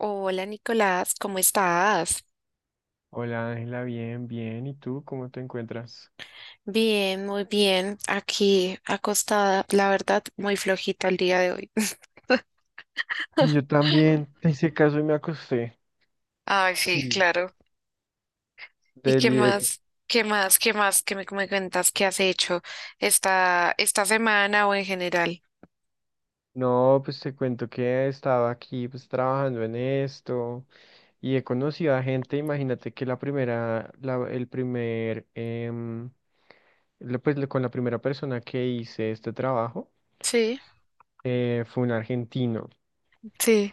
Hola Nicolás, ¿cómo estás? Hola Ángela, bien, bien. ¿Y tú cómo te encuentras? Bien, muy bien. Aquí acostada, la verdad, muy flojita el día de hoy. Yo también te hice caso y me acosté. Ay, sí, Sí, claro. ¿Y qué Deli, Deli. más? ¿Qué más? ¿Qué más? ¿Qué me cuentas? ¿Qué has hecho esta semana o en general? No, pues te cuento que he estado aquí pues trabajando en esto y he conocido a gente, imagínate que la primera, la, el primer, em, la- pues la- con la primera persona que hice este trabajo Sí, fue un argentino sí.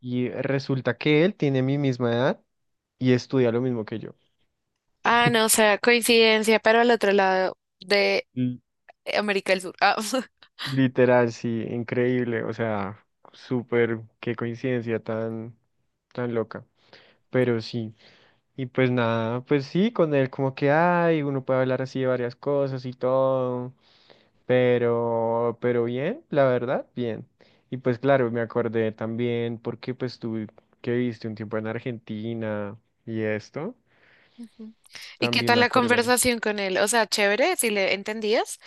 y resulta que él tiene mi misma edad y estudia lo mismo que yo. Ah, no, o sea, coincidencia, pero al otro lado de América del Sur. Ah. Literal, sí, increíble, o sea, súper, qué coincidencia tan, tan loca, pero sí, y pues nada, pues sí, con él como que hay, uno puede hablar así de varias cosas y todo, pero bien, la verdad, bien, y pues claro, me acordé también porque pues tú que viste un tiempo en Argentina y esto, Ujú. ¿Y qué también tal me la acordé. conversación con él? O sea, chévere, si le entendías.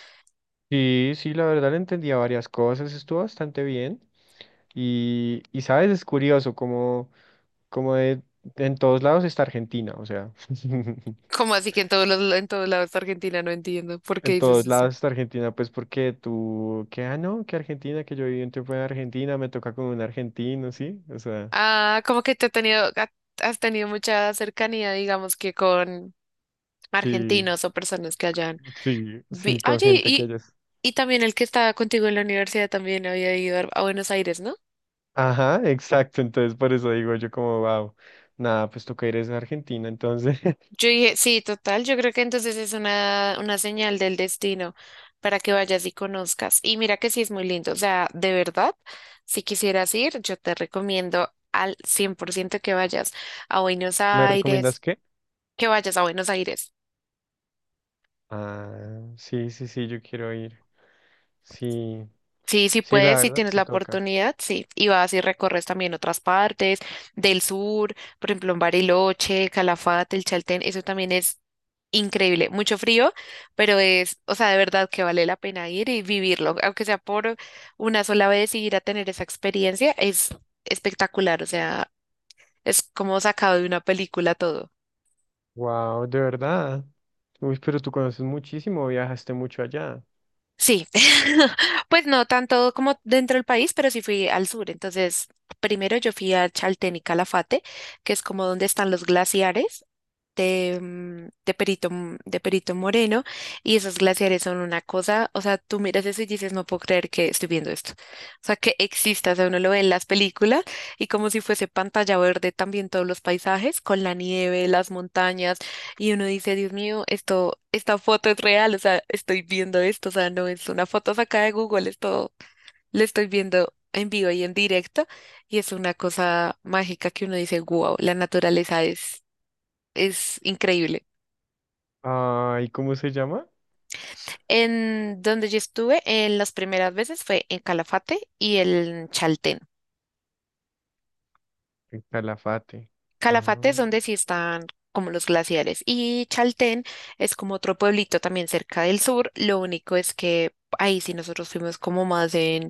Sí, sí, la verdad le entendía varias cosas, estuvo bastante bien. Y sabes, es curioso como en todos lados está Argentina, o sea, ¿Cómo así que en todos lados de Argentina? No entiendo. ¿Por qué en dices todos eso? lados está Argentina, pues porque tú, que, ah, no, que Argentina, que yo viví un tiempo en Argentina, me toca con un argentino, ¿sí? O sea, Ah, como que te ha tenido, ha- has tenido mucha cercanía, digamos que con sí, argentinos o personas que hayan. sí, sí, con Oye, gente que ellos. y también el que estaba contigo en la universidad también había ido a Buenos Aires, ¿no? Ajá, exacto, entonces por eso digo yo como, wow, nada, pues tú que eres de Argentina, entonces, Yo dije, sí, total, yo creo que entonces es una señal del destino para que vayas y conozcas. Y mira que sí es muy lindo, o sea, de verdad, si quisieras ir, yo te recomiendo al 100% que vayas a Buenos ¿me recomiendas Aires, qué? que vayas a Buenos Aires. Ah, sí, sí, sí, yo quiero ir, sí, Sí, sí sí, la puedes, si verdad, tienes sí la toca. oportunidad, sí. Y vas y recorres también otras partes del sur, por ejemplo, en Bariloche, Calafate, el Chaltén, eso también es increíble. Mucho frío, pero es, o sea, de verdad que vale la pena ir y vivirlo, aunque sea por una sola vez y ir a tener esa experiencia, es espectacular, o sea, es como sacado de una película todo. Wow, de verdad. Uy, pero tú conoces muchísimo, viajaste mucho allá. Sí, pues no tanto como dentro del país, pero sí fui al sur. Entonces, primero yo fui a Chaltén y Calafate, que es como donde están los glaciares de de Perito Moreno, y esos glaciares son una cosa, o sea, tú miras eso y dices, no puedo creer que estoy viendo esto. O sea, que exista, o sea, uno lo ve en las películas y como si fuese pantalla verde también todos los paisajes con la nieve, las montañas, y uno dice, Dios mío, esta foto es real, o sea, estoy viendo esto, o sea, no es una foto sacada de Google, esto lo estoy viendo en vivo y en directo. Y es una cosa mágica que uno dice, wow, la naturaleza es increíble. Ay, ¿cómo se llama? En donde yo estuve en las primeras veces fue en Calafate y en Chaltén. En Calafate. Calafate es Ah, donde sí están como los glaciares, y Chaltén es como otro pueblito también cerca del sur. Lo único es que ahí sí nosotros fuimos como más en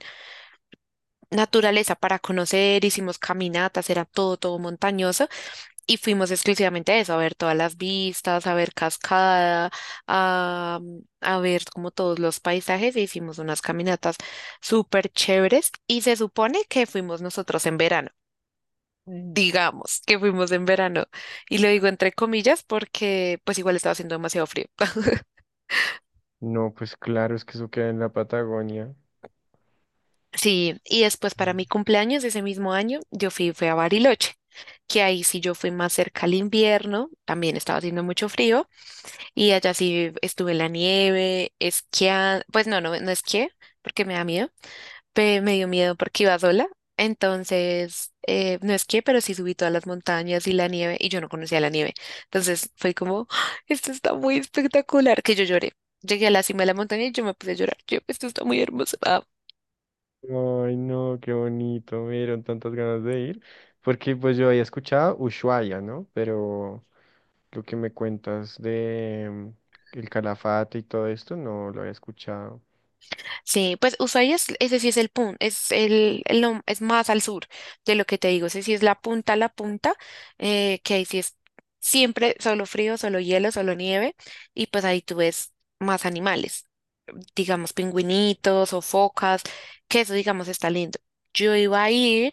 naturaleza para conocer, hicimos caminatas, era todo montañoso. Y fuimos exclusivamente a eso, a ver todas las vistas, a ver cascada, a, a ver como todos los paisajes. E hicimos unas caminatas súper chéveres, y se supone que fuimos nosotros en verano. Digamos que fuimos en verano. Y lo digo entre comillas porque pues igual estaba haciendo demasiado frío. no, pues claro, es que eso queda en la Patagonia. Sí, y después Mm. para mi cumpleaños de ese mismo año, yo fui a Bariloche, que ahí sí yo fui más cerca al invierno, también estaba haciendo mucho frío. Y allá sí estuve en la nieve, esquiando. Pues no esquié porque me da miedo, me dio miedo porque iba sola, entonces no esquié, pero sí subí todas las montañas y la nieve, y yo no conocía la nieve, entonces fue como, "Ah, esto está muy espectacular", que yo lloré. Llegué a la cima de la montaña y yo me puse a llorar. Yo, esto está muy hermoso. Ay, no, qué bonito, me dieron tantas ganas de ir. Porque pues yo había escuchado Ushuaia, ¿no? Pero lo que me cuentas de el Calafate y todo esto, no lo había escuchado. Sí, pues Ushuaia es, ese sí es el punto, el es más al sur de lo que te digo, ese sí es la punta, que ahí sí es siempre solo frío, solo hielo, solo nieve, y pues ahí tú ves más animales, digamos pingüinitos o focas, que eso digamos está lindo. Yo iba a ir,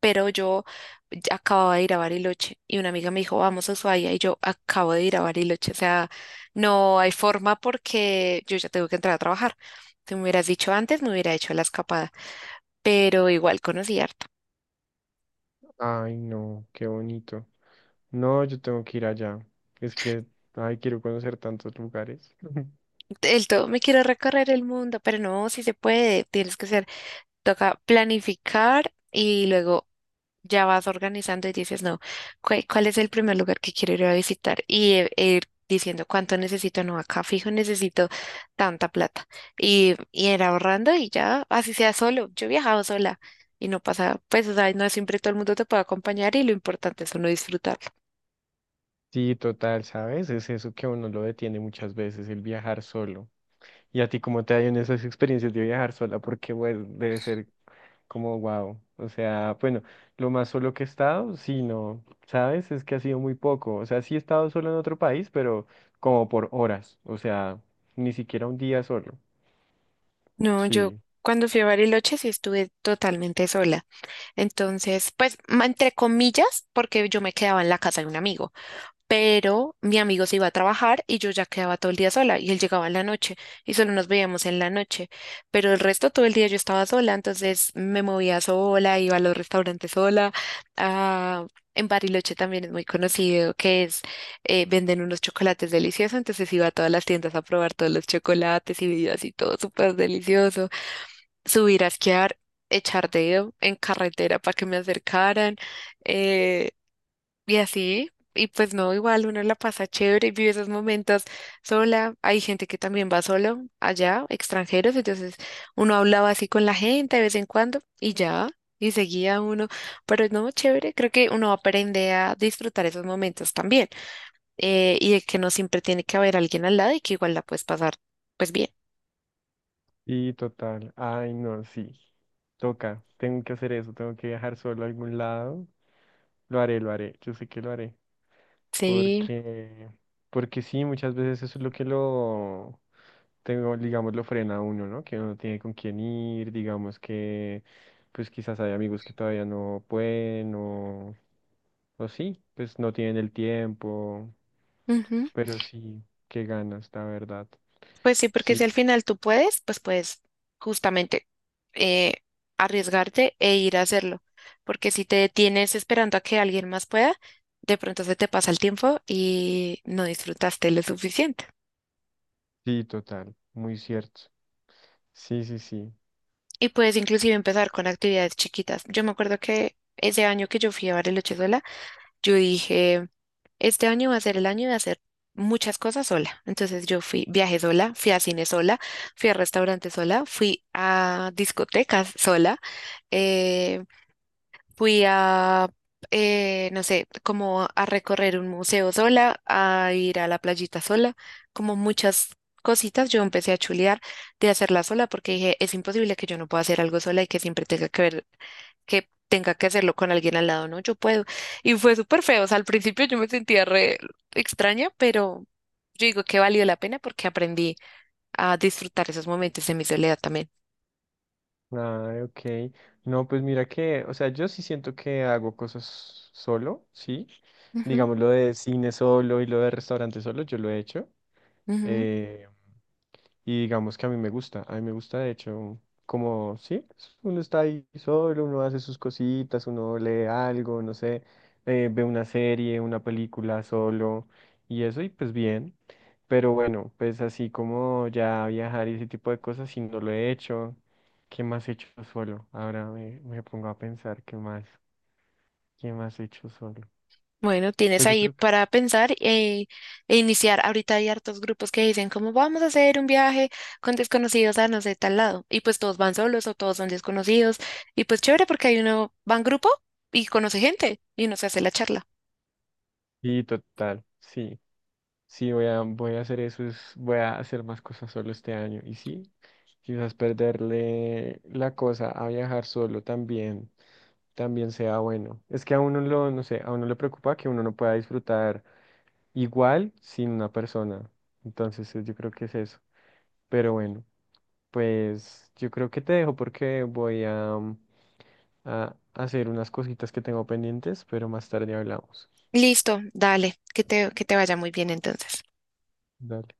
pero yo ya acababa de ir a Bariloche y una amiga me dijo, vamos a Ushuaia, y yo acabo de ir a Bariloche, o sea, no hay forma porque yo ya tengo que entrar a trabajar. Tú me hubieras dicho antes, me hubiera hecho la escapada, pero igual conocí harto. Ay, no, qué bonito. No, yo tengo que ir allá. Es que, ay, quiero conocer tantos lugares. El todo, me quiero recorrer el mundo, pero no, si se puede, tienes que ser, toca planificar y luego ya vas organizando y dices, no, ¿cuál es el primer lugar que quiero ir a visitar? Y e ir diciendo cuánto necesito, no, acá fijo necesito tanta plata. Y ir ahorrando, y ya, así sea solo. Yo he viajado sola y no pasa, pues, o sea, no siempre todo el mundo te puede acompañar, y lo importante es uno disfrutarlo. Sí, total, ¿sabes? Es eso que a uno lo detiene muchas veces, el viajar solo. ¿Y a ti cómo te ha ido en esas experiencias de viajar sola? Porque, bueno, debe ser como wow. O sea, bueno, lo más solo que he estado, sí, no, ¿sabes? Es que ha sido muy poco. O sea, sí he estado solo en otro país, pero como por horas. O sea, ni siquiera un día solo. No, yo Sí. cuando fui a Bariloche sí estuve totalmente sola. Entonces, pues, entre comillas, porque yo me quedaba en la casa de un amigo. Pero mi amigo se iba a trabajar y yo ya quedaba todo el día sola, y él llegaba en la noche y solo nos veíamos en la noche, pero el resto todo el día yo estaba sola, entonces me movía sola, iba a los restaurantes sola. Ah, en Bariloche también es muy conocido que es, venden unos chocolates deliciosos, entonces iba a todas las tiendas a probar todos los chocolates y bebidas y todo súper delicioso, subir a esquiar, echar dedo en carretera para que me acercaran. eh, y así, y pues no, igual uno la pasa chévere y vive esos momentos sola. Hay gente que también va solo allá, extranjeros, entonces uno hablaba así con la gente de vez en cuando y ya, y seguía uno. Pero no, chévere, creo que uno aprende a disfrutar esos momentos también, y de que no siempre tiene que haber alguien al lado y que igual la puedes pasar pues bien. Y total, ay no, sí, toca, tengo que hacer eso, tengo que viajar solo a algún lado, lo haré, yo sé que lo haré, Sí. porque, porque sí, muchas veces eso es lo que lo, tengo, digamos, lo frena a uno, ¿no? Que uno no tiene con quién ir, digamos que, pues quizás hay amigos que todavía no pueden, o sí, pues no tienen el tiempo, Ujú. pero sí, qué ganas, la verdad. Pues sí, porque si Sí, al final tú puedes, pues puedes justamente eh, arriesgarte e ir a hacerlo. Porque si te detienes esperando a que alguien más pueda, de pronto se te pasa el tiempo y no disfrutaste lo suficiente. sí, total, muy cierto. Sí, sí, sí. Y puedes inclusive empezar con actividades chiquitas. Yo me acuerdo que ese año que yo fui a Bariloche sola, yo dije... Este año va a ser el año de hacer muchas cosas sola. Entonces yo fui, viajé sola, fui a cine sola, fui a restaurantes sola, fui a discotecas sola, eh, fui a, no sé, como a recorrer un museo sola, a ir a la playita sola, como muchas cositas. Yo empecé a chulear de hacerla sola porque dije, es imposible que yo no pueda hacer algo sola y que siempre tenga que ver que tenga que hacerlo con alguien al lado, ¿no? Yo puedo. Y fue súper feo. O sea, al principio yo me sentía re extraña, pero yo digo que valió la pena porque aprendí a disfrutar esos momentos de mi soledad también. Ah, ok. No, pues mira que, o sea, yo sí siento que hago cosas solo, ¿sí? Ujú, Digamos lo de cine solo y lo de restaurante solo, yo lo he hecho. ujú. Eh, y digamos que a mí me gusta, a mí me gusta de hecho, como, sí, es- uno está ahí solo, uno hace sus cositas, uno lee algo, no sé, ve una serie, una película solo y eso y pues bien. Pero bueno, pues así como ya viajar y ese tipo de cosas, si no lo he hecho, ¿qué más he hecho solo? Ahora me, me pongo a pensar, ¿qué más? ¿Qué más he hecho solo? Bueno, tienes Pues yo ahí creo que para pensar e iniciar. Ahorita hay hartos grupos que dicen, ¿cómo vamos a hacer un viaje con desconocidos a no sé tal lado? Y pues todos van solos o todos son desconocidos. Y pues chévere porque hay uno, va en grupo y conoce gente y uno se hace la charla. sí, total, sí. Sí, voy a, voy a hacer eso, es- voy a hacer más cosas solo este año. Y sí, quizás perderle la cosa a viajar solo también, también sea bueno. Es que a uno lo, no sé, a uno le preocupa que uno no pueda disfrutar igual sin una persona. Entonces, yo creo que es eso. Pero bueno, pues yo creo que te dejo porque voy a, a hacer unas cositas que tengo pendientes, pero más tarde hablamos. Listo, dale, que que te vaya muy bien entonces. Dale.